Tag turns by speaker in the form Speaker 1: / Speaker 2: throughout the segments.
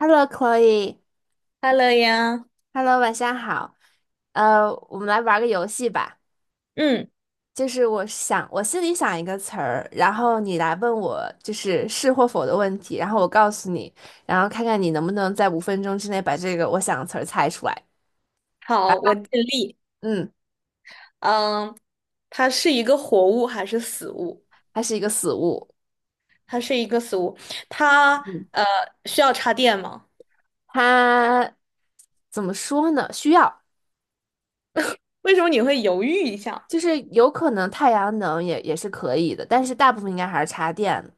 Speaker 1: Hello, Chloe，Hello，
Speaker 2: 哈喽呀，
Speaker 1: 晚上好。我们来玩个游戏吧。
Speaker 2: 嗯，
Speaker 1: 就是我想，我心里想一个词儿，然后你来问我，就是是或否的问题，然后我告诉你，然后看看你能不能在5分钟之内把这个我想的词儿猜出来。
Speaker 2: 好，我尽力。
Speaker 1: 嗯，
Speaker 2: 嗯，它是一个活物还是死物？
Speaker 1: 它是一个死物。
Speaker 2: 它是一个死物。它
Speaker 1: 嗯，
Speaker 2: 呃需要插电吗？
Speaker 1: 它怎么说呢？需要，
Speaker 2: 为什么你会犹豫一下？
Speaker 1: 就是有可能太阳能也是可以的，但是大部分应该还是插电的，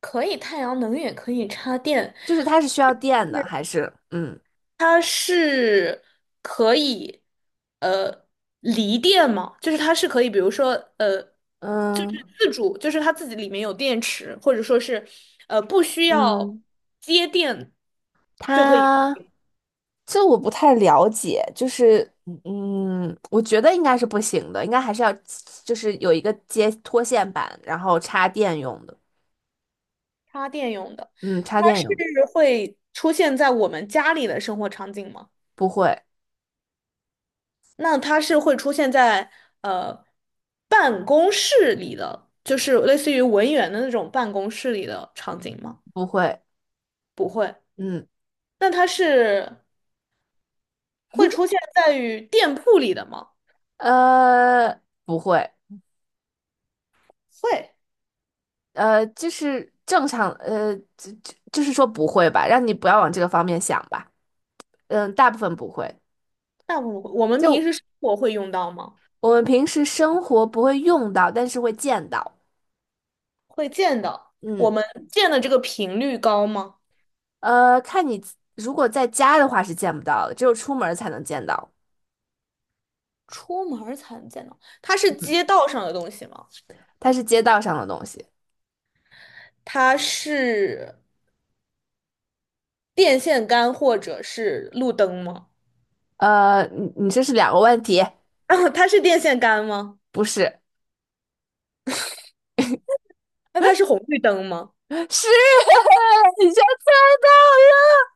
Speaker 2: 可以太阳能也可以插电，
Speaker 1: 就是它是需要电的，还是嗯
Speaker 2: 它是可以呃离电吗？就是它是可以，比如说呃，就是
Speaker 1: 嗯。
Speaker 2: 自主，就是它自己里面有电池，或者说是不需要
Speaker 1: 嗯，
Speaker 2: 接电。就可以。
Speaker 1: 他这我不太了解，就是嗯，嗯我觉得应该是不行的，应该还是要就是有一个接拖线板，然后插电用的。
Speaker 2: 插电用的，
Speaker 1: 嗯，插
Speaker 2: 它
Speaker 1: 电
Speaker 2: 是
Speaker 1: 用，
Speaker 2: 会出现在我们家里的生活场景吗？
Speaker 1: 不会，
Speaker 2: 那它是会出现在呃办公室里的，就是类似于文员的那种办公室里的场景吗？
Speaker 1: 不会，
Speaker 2: 不会。
Speaker 1: 嗯
Speaker 2: 那它是会出现在于店铺里的吗？
Speaker 1: 不会。
Speaker 2: 会。
Speaker 1: 就是正常就是说不会吧，让你不要往这个方面想吧。嗯，大部分不会，
Speaker 2: 那我们
Speaker 1: 就
Speaker 2: 平时生活会用到吗？
Speaker 1: 我们平时生活不会用到，但是会见到。
Speaker 2: 会见到。我
Speaker 1: 嗯。
Speaker 2: 们见的这个频率高吗？
Speaker 1: 看你自如果在家的话是见不到的，只有出门儿才能见到，
Speaker 2: 出门儿才能见到。它是街道上的东西吗？
Speaker 1: 它是街道上的东西。
Speaker 2: 它是。电线杆或者是路灯吗？
Speaker 1: 你你这是两个问题，
Speaker 2: 啊，它是电线杆吗？
Speaker 1: 不是，
Speaker 2: 那它是红绿灯吗？
Speaker 1: 是 你居然猜到了，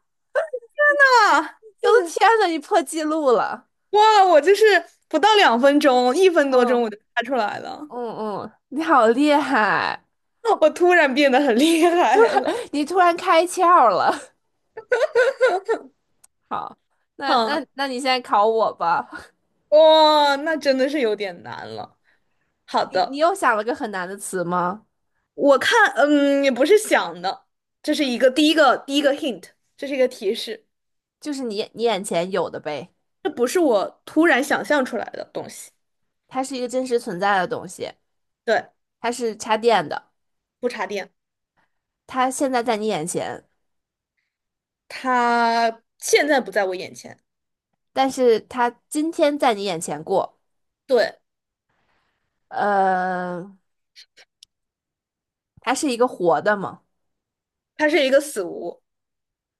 Speaker 2: 啊，
Speaker 1: 我的天呐，你破纪录了，
Speaker 2: 哇，我就是不到2分钟，1分多钟
Speaker 1: 嗯
Speaker 2: 我就猜出来了，
Speaker 1: 嗯嗯，你好厉害，
Speaker 2: 我突然变得很厉
Speaker 1: 就
Speaker 2: 害
Speaker 1: 是
Speaker 2: 了。
Speaker 1: 你突然开窍了。好，那
Speaker 2: 哈，
Speaker 1: 那那你现在考我吧，
Speaker 2: 哇，那真的是有点难了。好
Speaker 1: 你
Speaker 2: 的，
Speaker 1: 又想了个很难的词吗？
Speaker 2: 我看，嗯，也不是想的，这是一个第一个 hint，这是一个提示，
Speaker 1: 就是你眼前有的呗，
Speaker 2: 这不是我突然想象出来的东西。
Speaker 1: 它是一个真实存在的东西。
Speaker 2: 对，
Speaker 1: 它是插电的，
Speaker 2: 不插电，
Speaker 1: 它现在在你眼前，
Speaker 2: 它现在不在我眼前。
Speaker 1: 但是它今天在你眼前过。
Speaker 2: 对。
Speaker 1: 呃，它是一个活的吗？
Speaker 2: 它是一个死屋，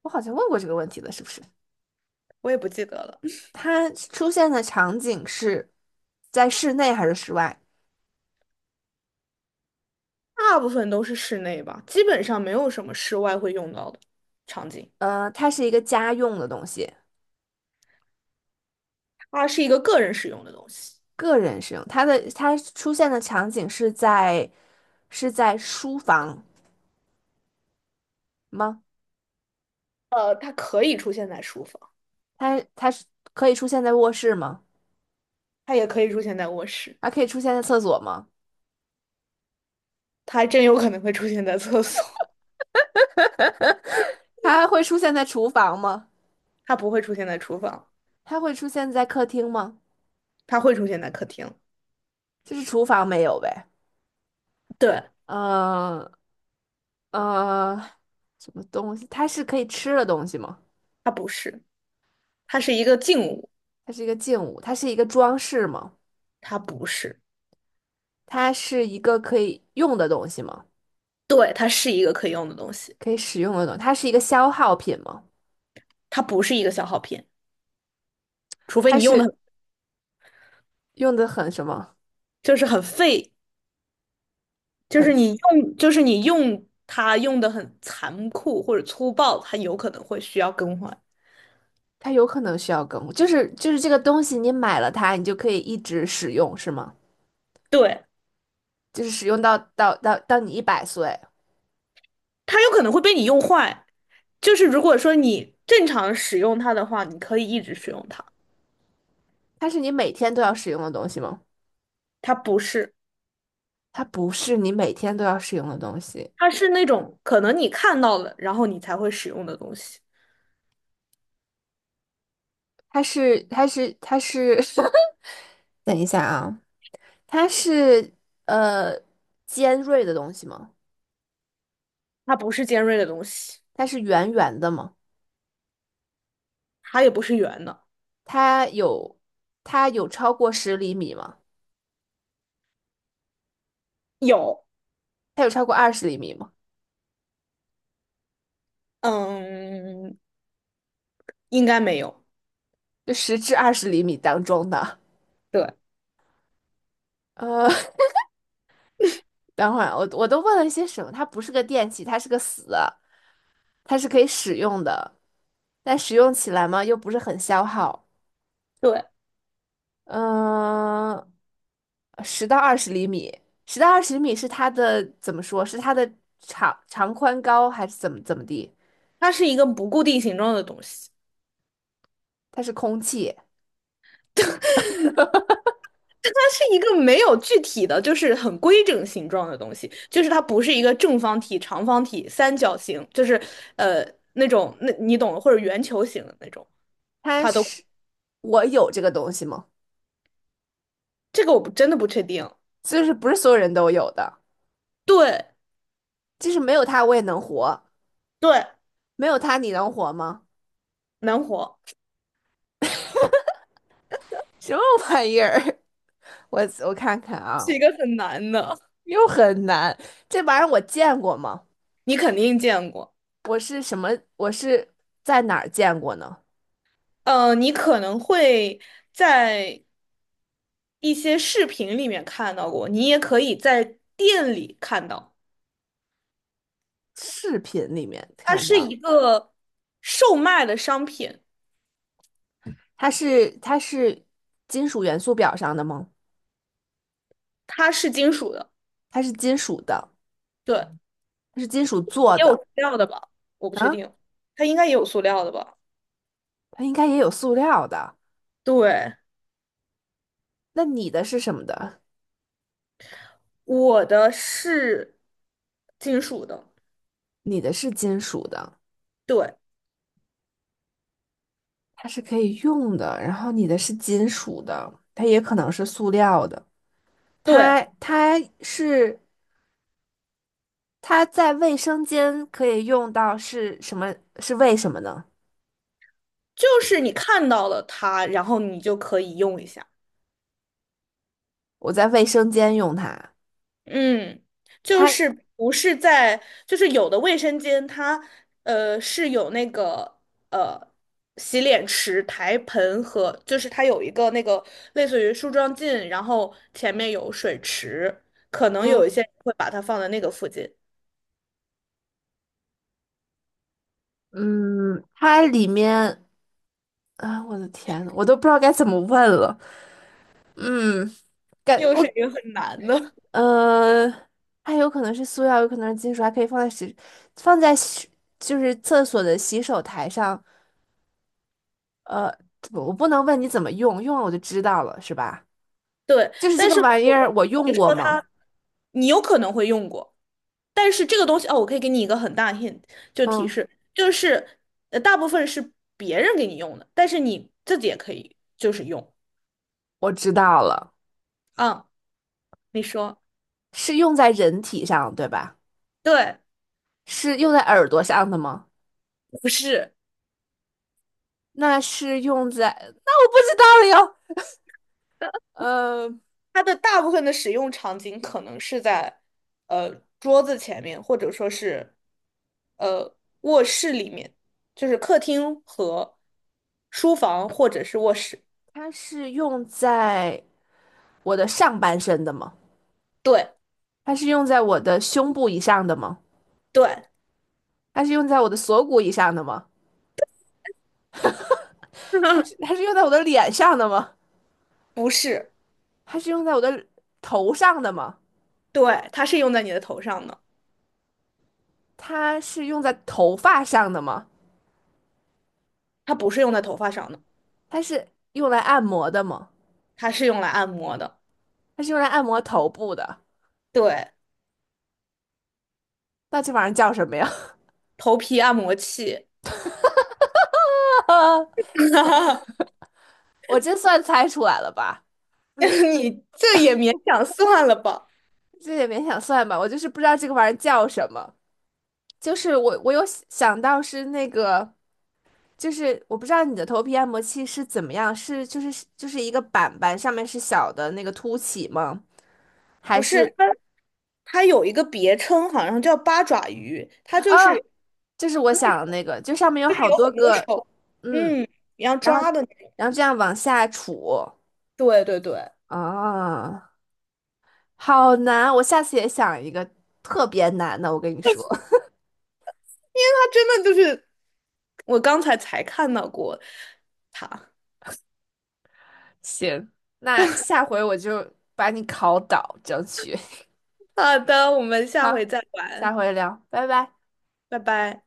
Speaker 1: 我好像问过这个问题了，是不是？
Speaker 2: 我也不记得了，
Speaker 1: 它出现的场景是在室内还是室外？
Speaker 2: 大部分都是室内吧，基本上没有什么室外会用到的场景。
Speaker 1: 它是一个家用的东西，
Speaker 2: 它是一个个人使用的东西，
Speaker 1: 个人使用。它的它出现的场景是在是在书房吗？
Speaker 2: 它可以出现在书房，
Speaker 1: 它是可以出现在卧室吗？
Speaker 2: 它也可以出现在卧室，
Speaker 1: 它可以出现在厕所吗？
Speaker 2: 它还真有可能会出现在厕所，
Speaker 1: 它会出现在厨房吗？
Speaker 2: 它不会出现在厨房，
Speaker 1: 它会出现在客厅吗？
Speaker 2: 它会出现在客厅。
Speaker 1: 就是厨房没有呗。
Speaker 2: 对，
Speaker 1: 呃呃，什么东西？它是可以吃的东西吗？
Speaker 2: 它不是，它是一个静物，
Speaker 1: 它是一个静物，它是一个装饰吗？
Speaker 2: 它不是，
Speaker 1: 它是一个可以用的东西吗？
Speaker 2: 对，它是一个可以用的东西，
Speaker 1: 可以使用的东西它是一个消耗品吗？
Speaker 2: 它不是一个消耗品，除非
Speaker 1: 它
Speaker 2: 你用
Speaker 1: 是
Speaker 2: 的
Speaker 1: 用的很什么？
Speaker 2: 就是很费就
Speaker 1: 很，
Speaker 2: 是你用，就是你用它用的很残酷或者粗暴，它有可能会需要更换。
Speaker 1: 它有可能需要更，就是这个东西，你买了它，你就可以一直使用，是吗？
Speaker 2: 对，
Speaker 1: 就是使用到你100岁，
Speaker 2: 它有可能会被你用坏。就是如果说你正常使用它的话，你可以一直使用它。
Speaker 1: 它是你每天都要使用的东西吗？
Speaker 2: 它不是，
Speaker 1: 它不是你每天都要使用的东西。
Speaker 2: 它是那种可能你看到了，然后你才会使用的东西。
Speaker 1: 它是，等一下啊，它是呃尖锐的东西吗？
Speaker 2: 它不是尖锐的东西，
Speaker 1: 它是圆圆的吗？
Speaker 2: 它也不是圆的。
Speaker 1: 它有它有超过十厘米吗？
Speaker 2: 有，
Speaker 1: 它有超过二十厘米吗？
Speaker 2: 嗯，应该没有。
Speaker 1: 就10至20厘米当中的。
Speaker 2: 对
Speaker 1: 呃，等会儿我都问了一些什么？它不是个电器，它是个死的，它是可以使用的，但使用起来嘛又不是很消耗。
Speaker 2: 对，
Speaker 1: 嗯、十到二十厘米，十到二十厘米是它的怎么说？是它的长长宽高还是怎么地？
Speaker 2: 它是一个不固定形状的东西。
Speaker 1: 它是空气，
Speaker 2: 它是一个没有具体的，就是很规整形状的东西，就是它不是一个正方体、长方体、三角形，就是呃那种那你懂的，或者圆球形的那种，
Speaker 1: 它
Speaker 2: 它都
Speaker 1: 是我有这个东西吗？
Speaker 2: 这个我不真的不确定。
Speaker 1: 就是不是所有人都有的，
Speaker 2: 对
Speaker 1: 就是没有它我也能活，
Speaker 2: 对，
Speaker 1: 没有它你能活吗？
Speaker 2: 难活
Speaker 1: 什么玩意儿？我我看看啊，
Speaker 2: 是一个很难的，
Speaker 1: 又很难。这玩意儿我见过吗？
Speaker 2: 你肯定见过。
Speaker 1: 我是什么？我是在哪儿见过呢？
Speaker 2: 你可能会在一些视频里面看到过，你也可以在店里看到，
Speaker 1: 视频里面
Speaker 2: 它
Speaker 1: 看
Speaker 2: 是
Speaker 1: 到。
Speaker 2: 一个售卖的商品，
Speaker 1: 它是金属元素表上的吗？
Speaker 2: 它是金属的。
Speaker 1: 它是金属的，
Speaker 2: 对，
Speaker 1: 它是金属做
Speaker 2: 也有
Speaker 1: 的。
Speaker 2: 塑料的吧？我不确
Speaker 1: 啊？
Speaker 2: 定，它应该也有塑料的吧？
Speaker 1: 它应该也有塑料的。
Speaker 2: 对，
Speaker 1: 那你的是什么的？
Speaker 2: 我的是金属的。
Speaker 1: 你的是金属的，
Speaker 2: 对
Speaker 1: 它是可以用的。然后你的是金属的，它也可能是塑料的。它
Speaker 2: 对，
Speaker 1: 它是它在卫生间可以用到是什么？是为什么呢？
Speaker 2: 就是你看到了它，然后你就可以用一下。
Speaker 1: 我在卫生间用它，
Speaker 2: 嗯，就
Speaker 1: 它
Speaker 2: 是不是在，就是有的卫生间它是有那个呃洗脸池、台盆和，就是它有一个那个类似于梳妆镜，然后前面有水池，可能
Speaker 1: 嗯
Speaker 2: 有一些人会把它放在那个附近。
Speaker 1: 嗯，它里面啊，我的天，我都不知道该怎么问了。嗯，感
Speaker 2: 又是
Speaker 1: 我
Speaker 2: 一个很难的。
Speaker 1: 呃，它有可能是塑料，有可能是金属，还可以放在洗，放在洗，就是厕所的洗手台上。呃，不我不能问你怎么用，用了我就知道了，是吧？
Speaker 2: 对，
Speaker 1: 就是这
Speaker 2: 但
Speaker 1: 个
Speaker 2: 是
Speaker 1: 玩意
Speaker 2: 我跟
Speaker 1: 儿，我用
Speaker 2: 你
Speaker 1: 过
Speaker 2: 说
Speaker 1: 吗？
Speaker 2: 它，你有可能会用过。但是这个东西哦，我可以给你一个很大的 hint，就提
Speaker 1: 嗯，
Speaker 2: 示，就是大部分是别人给你用的，但是你自己也可以就是用。
Speaker 1: 我知道了，
Speaker 2: 嗯，你说
Speaker 1: 是用在人体上，对吧？
Speaker 2: 对，
Speaker 1: 是用在耳朵上的吗？
Speaker 2: 不是，
Speaker 1: 那是用在，那我不知道了哟。呃，
Speaker 2: 它的大部分的使用场景可能是在呃桌子前面，或者说是呃卧室里面，就是客厅和书房或者是卧室。
Speaker 1: 它是用在。我的上半身的吗？
Speaker 2: 对
Speaker 1: 它是用在我的胸部以上的吗？
Speaker 2: 对，
Speaker 1: 它是用在我的锁骨以上的吗？它是它 是用在我的脸上的吗？
Speaker 2: 不是，
Speaker 1: 它是用在我的头上的吗？
Speaker 2: 对，它是用在你的头上的，
Speaker 1: 它是用在头发上的吗？
Speaker 2: 它不是用在头发上的，
Speaker 1: 它是用来按摩的吗？
Speaker 2: 它是用来按摩的，
Speaker 1: 它是用来按摩头部的？
Speaker 2: 对，
Speaker 1: 那这玩意儿叫什么呀？
Speaker 2: 头皮按摩器，
Speaker 1: 我真算猜出来了吧？
Speaker 2: 你这也勉强算了吧？
Speaker 1: 这也勉强算吧，我就是不知道这个玩意儿叫什么。就是我有想到是那个，就是我不知道你的头皮按摩器是怎么样，是就是一个板板上面是小的那个凸起吗？还
Speaker 2: 不是，
Speaker 1: 是
Speaker 2: 它有一个别称，好像叫八爪鱼，它就是
Speaker 1: 哦，就是我
Speaker 2: 那
Speaker 1: 想的那个，就上面有
Speaker 2: 就是
Speaker 1: 好
Speaker 2: 有
Speaker 1: 多
Speaker 2: 很多
Speaker 1: 个，
Speaker 2: 手，
Speaker 1: 嗯，
Speaker 2: 嗯，你要
Speaker 1: 然
Speaker 2: 抓
Speaker 1: 后
Speaker 2: 的那个
Speaker 1: 这样往下杵。
Speaker 2: 对对对，因
Speaker 1: 啊，好难，我下次也想一个特别难的，我跟你说，
Speaker 2: 为它真的就是我刚才才看到过它。
Speaker 1: 行，那下回我就把你考倒，争取，
Speaker 2: 好的，我们 下
Speaker 1: 好，
Speaker 2: 回再
Speaker 1: 下
Speaker 2: 玩，
Speaker 1: 回聊，拜拜。
Speaker 2: 拜拜。